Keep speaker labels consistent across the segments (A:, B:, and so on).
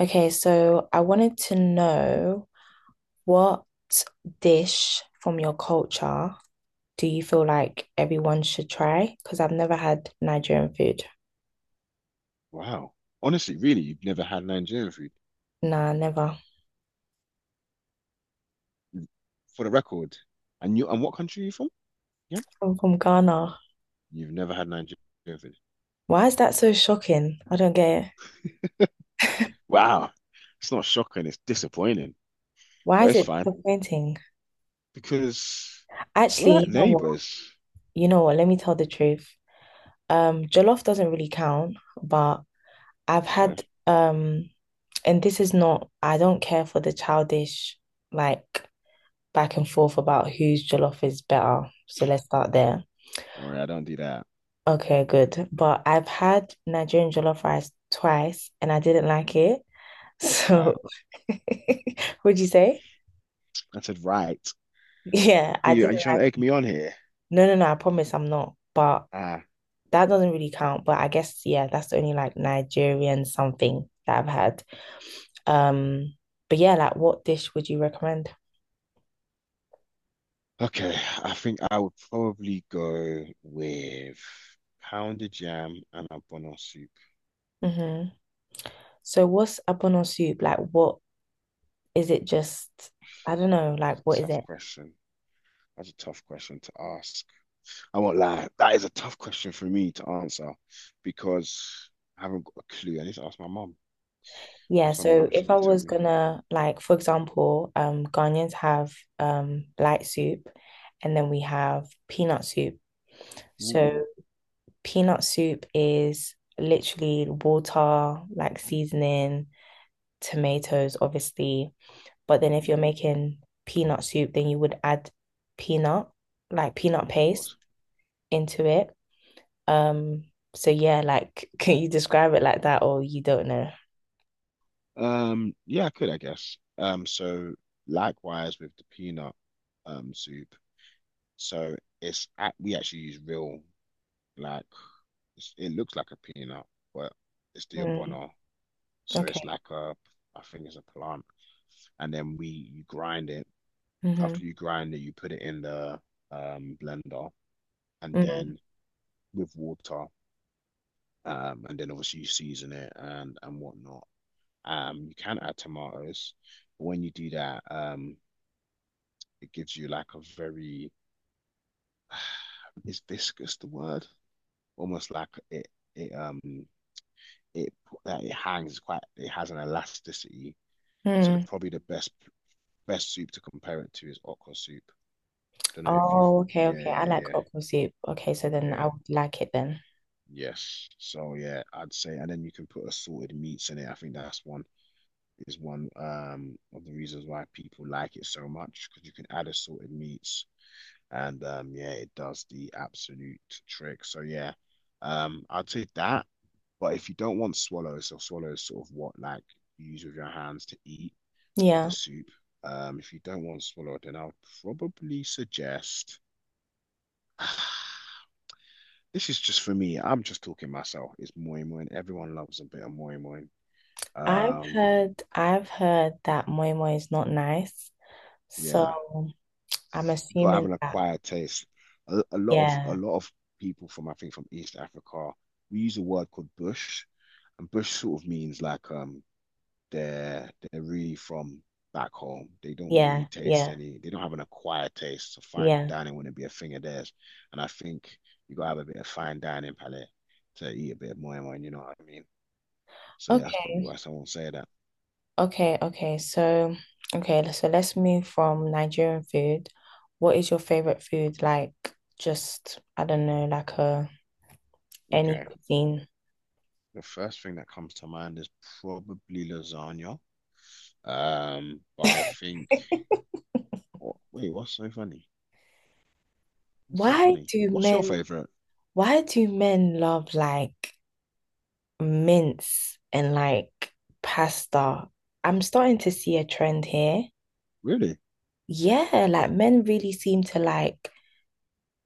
A: Okay, so I wanted to know what dish from your culture do you feel like everyone should try? Because I've never had Nigerian food.
B: Wow. Honestly, really, you've never had Nigerian food
A: Nah, never.
B: for the record. And what country are you from? Yeah.
A: I'm from Ghana.
B: You've never had Nigerian food.
A: Why is that so shocking? I don't get it.
B: Wow. It's not shocking, it's disappointing.
A: Why
B: But
A: is
B: it's
A: it
B: fine.
A: disappointing?
B: Because we're
A: Actually,
B: like
A: you know what?
B: neighbors.
A: You know what? Let me tell the truth. Jollof doesn't really count, but I've
B: Okay.
A: had and this is not, I don't care for the childish like back and forth about whose jollof is better. So let's start there.
B: Don't worry, I don't do that.
A: Okay, good. But I've had Nigerian jollof rice twice and I didn't like it. So
B: Right.
A: would you say?
B: I said right.
A: Yeah,
B: But
A: I
B: you, are you
A: didn't
B: trying to egg
A: like.
B: me on here?
A: No, no, no. I promise I'm not. But
B: Ah.
A: that doesn't really count, but I guess yeah, that's the only like Nigerian something that I've had. Um, but yeah, like what dish would you recommend?
B: Okay. I think I would probably go with pounded yam and a bono soup.
A: Mm-hmm. So what's abono soup? Like what is it just I don't know, like what
B: It's a
A: is
B: tough
A: it?
B: question. That's a tough question to ask. I won't lie. That is a tough question for me to answer because I haven't got a clue. I need to ask my mom.
A: Yeah,
B: Ask my
A: so
B: mom if she
A: if I
B: could tell
A: was
B: me.
A: gonna like, for example, Ghanaians have light soup, and then we have peanut soup. So
B: Ooh,
A: peanut soup is literally water, like seasoning, tomatoes, obviously. But then if
B: mm,
A: you're making peanut soup, then you would add peanut, like peanut
B: of
A: paste
B: course.
A: into it. Um, so yeah, like, can you describe it like that, or you don't know?
B: Yeah, I could, I guess. So likewise with the peanut soup. So we actually use real like it looks like a peanut, but it's the
A: Hmm.
B: abono. So it's
A: Okay.
B: like a I think it's a plant, and then we you grind it.
A: Hmm.
B: After you grind it, you put it in the blender and
A: Hmm.
B: then with water, and then obviously you season it and whatnot. You can add tomatoes, but when you do that. It gives you like a very Is viscous the word? Almost like it um it that it hangs, quite, it has an elasticity. So the
A: Mm.
B: probably the best soup to compare it to is okra soup. Don't know if you've.
A: Oh, okay,
B: Yeah,
A: okay. I
B: yeah,
A: like
B: yeah,
A: okra soup. Okay, so then I
B: yeah,
A: would like it then.
B: yes. So yeah, I'd say, and then you can put assorted meats in it. I think that's one is one of the reasons why people like it so much, because you can add assorted meats and yeah, it does the absolute trick. So yeah, I'd say that. But if you don't want swallows, so swallows sort of, what, like you use with your hands to eat with the
A: Yeah.
B: soup. If you don't want swallow, then I'll probably suggest. This is just for me. I'm just talking myself. It's moi moi. Everyone loves a bit of moi moi.
A: I've
B: Um,
A: heard I've heard that moi moi is not nice.
B: yeah.
A: So I'm
B: You got to have
A: assuming
B: an
A: that
B: acquired taste. A, a lot of a
A: yeah,
B: lot of people, from I think, from East Africa, we use a word called bush, and bush sort of means like they're really from back home. They don't really
A: yeah,
B: taste
A: yeah,
B: any. They don't have an acquired taste. So fine
A: yeah.
B: dining wouldn't be a thing of theirs. And I think you gotta have a bit of fine dining palate to eat a bit of moi moi. You know what I mean? So yeah, that's probably
A: Okay,
B: why someone say that.
A: okay, okay. So okay, so let's move from Nigerian food. What is your favorite food? Like just I don't know, like a any
B: Okay,
A: cuisine.
B: the first thing that comes to mind is probably lasagna. But I think. What, wait, what's so funny? What's so
A: Why
B: funny?
A: do
B: What's your
A: men
B: favorite?
A: Why do men love like mince and like pasta? I'm starting to see a trend here.
B: Really?
A: Yeah, like men really seem to like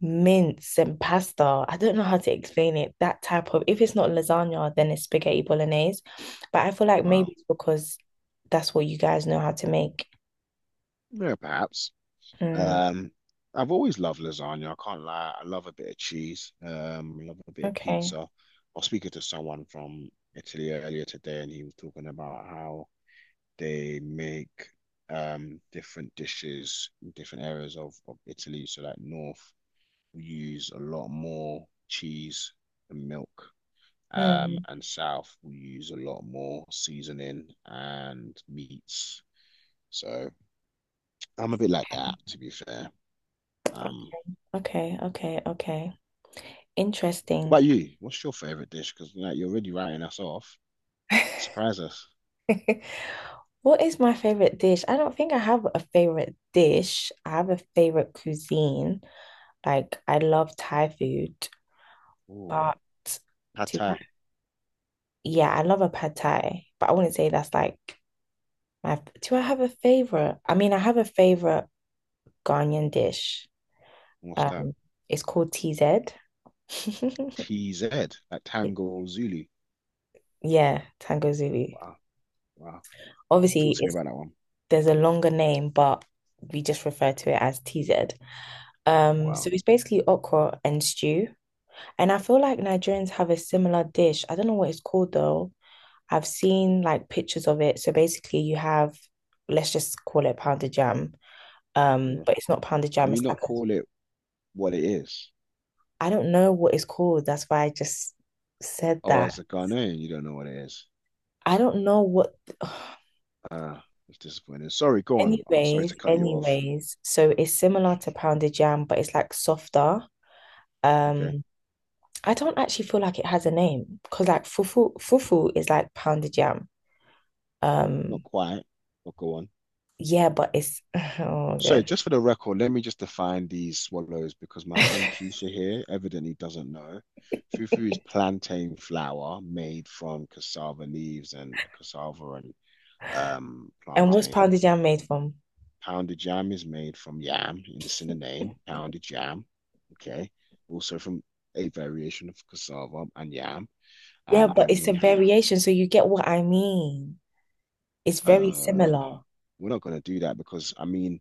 A: mince and pasta. I don't know how to explain it. That type of, if it's not lasagna, then it's spaghetti bolognese. But I feel like maybe
B: Wow.
A: it's because that's what you guys know how to make.
B: Yeah, perhaps.
A: Hmm.
B: Um, I've always loved lasagna. I can't lie. I love a bit of cheese. I love a bit of
A: Okay.
B: pizza. I was speaking to someone from Italy earlier today, and he was talking about how they make different dishes in different areas of Italy. So like north, we use a lot more cheese and milk.
A: Hmm.
B: And south, we use a lot more seasoning and meats. So I'm a bit like that, to be fair. Um,
A: Okay. Okay. Okay.
B: what
A: Interesting.
B: about you? What's your favorite dish? Because like you're already writing us off. Surprise us.
A: What is my favorite dish? I don't think I have a favorite dish. I have a favorite cuisine. Like I love Thai food,
B: Oh,
A: but
B: pad
A: do I-
B: thai.
A: yeah, I love a pad Thai, but I wouldn't say that's like my. Do I have a favorite? I mean, I have a favorite Ghanaian dish.
B: What's that?
A: Um, it's called TZ.
B: TZ, like Tango Zulu.
A: Yeah, Tango Zulu.
B: Wow, wow. Talk
A: Obviously,
B: to me
A: it's
B: about that one.
A: There's a longer name, but we just refer to it as TZ.
B: Wow.
A: So it's basically okra and stew. And I feel like Nigerians have a similar dish. I don't know what it's called though. I've seen like pictures of it. So basically you have, let's just call it pounded jam.
B: Yeah.
A: But it's not pounded
B: Can
A: jam,
B: we
A: it's like
B: not
A: a,
B: call it what it is?
A: I don't know what it's called. That's why I just said
B: Oh, as
A: that.
B: a Ghanaian, you don't know what it is.
A: I don't know what
B: Ah, it's disappointing. Sorry, go on. Oh, sorry to
A: anyways,
B: cut you off.
A: anyways. So it's similar to pounded jam, but it's like softer.
B: Okay.
A: Um, I don't actually feel like it has a name because like fufu is like pounded jam.
B: Not
A: Um,
B: quite, but go on.
A: yeah, but it's oh my
B: So,
A: God.
B: just for the record, let me just define these swallows because my friend Keisha here evidently doesn't know. Fufu is plantain flour made from cassava leaves and cassava and
A: And what's
B: plantain.
A: pounded yam made from?
B: Pounded jam is made from yam, and it's in the name, pounded jam. Okay. Also from a variation of cassava and yam.
A: Yeah,
B: And
A: but
B: then
A: it's a variation, so you get what I mean. It's very
B: uh,
A: similar.
B: we're not going to do that because, I mean,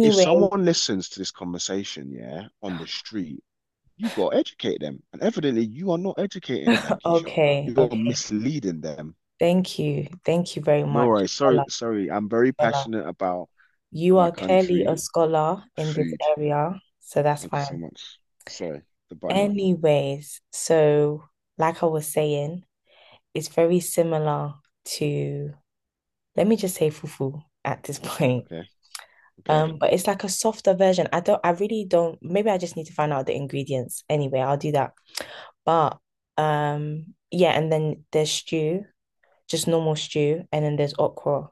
B: if someone listens to this conversation, yeah, on the street, you got to educate them. And evidently, you are not educating them, Keisha.
A: okay,
B: You're
A: okay.
B: misleading them.
A: Thank you. Thank you very
B: No
A: much,
B: worries.
A: scholar,
B: Sorry, sorry. I'm very
A: scholar.
B: passionate about
A: You
B: my
A: are clearly a
B: country,
A: scholar in this
B: food.
A: area, so that's
B: Thank you so
A: fine.
B: much. Sorry, the button.
A: Anyways, so like I was saying, it's very similar to, let me just say fufu at this point.
B: Okay, okay.
A: But it's like a softer version. I really don't, maybe I just need to find out the ingredients. Anyway, I'll do that. But yeah, and then there's stew, just normal stew, and then there's okra.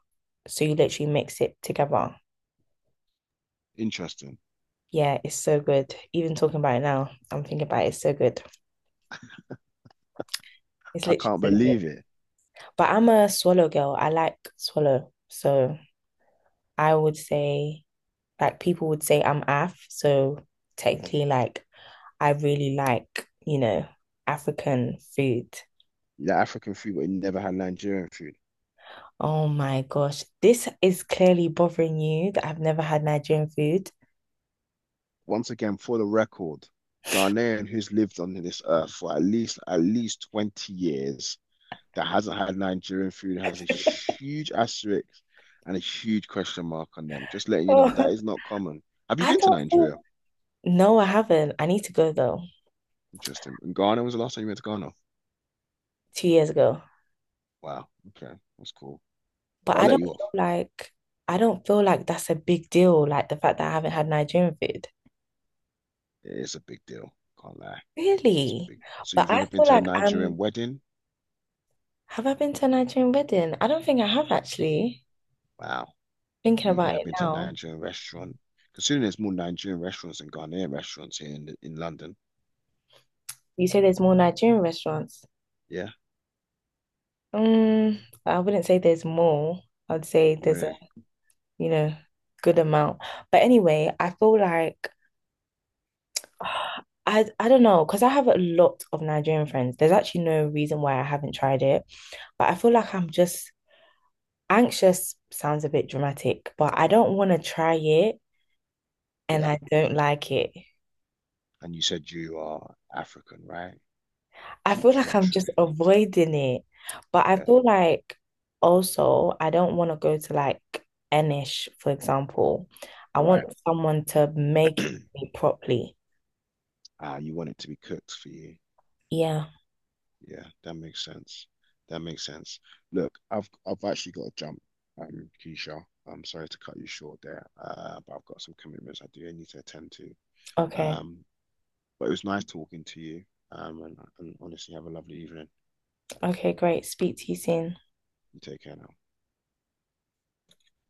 A: So you literally mix it together.
B: Interesting.
A: Yeah, it's so good. Even talking about it now, I'm thinking about it, it's so good. It's
B: I
A: literally
B: can't
A: so good.
B: believe it.
A: But I'm a swallow girl. I like swallow. So I would say, like people would say I'm AF, so technically like I really like, you know, African food.
B: Yeah, African food, but you never had Nigerian food.
A: Oh my gosh, this is clearly bothering you that I've never had Nigerian food.
B: Once again, for the record, Ghanaian who's lived on this earth for at least 20 years that hasn't had Nigerian food has a huge asterisk and a huge question mark on them. Just letting you
A: Oh,
B: know that is not common. Have you
A: I
B: been to
A: don't feel,
B: Nigeria?
A: no, I haven't. I need to go though,
B: Interesting. And Ghana, was the last time you went to Ghana?
A: 2 years ago.
B: Wow. Okay. That's cool.
A: But
B: Well, I'll
A: I
B: let
A: don't
B: you off.
A: feel like, I don't feel like that's a big deal, like the fact that I haven't had Nigerian food.
B: It is a big deal. Can't lie. It's
A: Really?
B: big. So
A: But
B: you've
A: I
B: never been
A: feel
B: to a
A: like
B: Nigerian
A: I'm,
B: wedding?
A: have I been to a Nigerian wedding? I don't think I have actually.
B: Wow.
A: Thinking
B: And you've
A: about
B: never
A: it
B: been to a
A: now.
B: Nigerian restaurant? Considering there's more Nigerian restaurants than Ghanaian restaurants here in London.
A: You say there's more Nigerian restaurants.
B: Yeah,
A: Um, I wouldn't say there's more. I'd say there's a,
B: really.
A: you know, good amount. But anyway, I feel like I don't know, because I have a lot of Nigerian friends. There's actually no reason why I haven't tried it. But I feel like I'm just anxious sounds a bit dramatic, but I don't want to try it and
B: Yeah.
A: I don't like it.
B: And you said you are African, right?
A: I feel
B: True
A: like
B: and
A: I'm
B: true.
A: just avoiding it, but I
B: Yeah.
A: feel like also I don't want to go to like Enish, for example. I want
B: Right.
A: someone to make it properly.
B: Ah, you want it to be cooked for you.
A: Yeah.
B: Yeah, that makes sense. That makes sense. Look, I've actually got to jump, Keisha. I'm sorry to cut you short there, but I've got some commitments I do need to attend to.
A: Okay.
B: Um, but it was nice talking to you. And honestly, have a lovely evening.
A: Okay, great. Speak to you soon.
B: You take care now.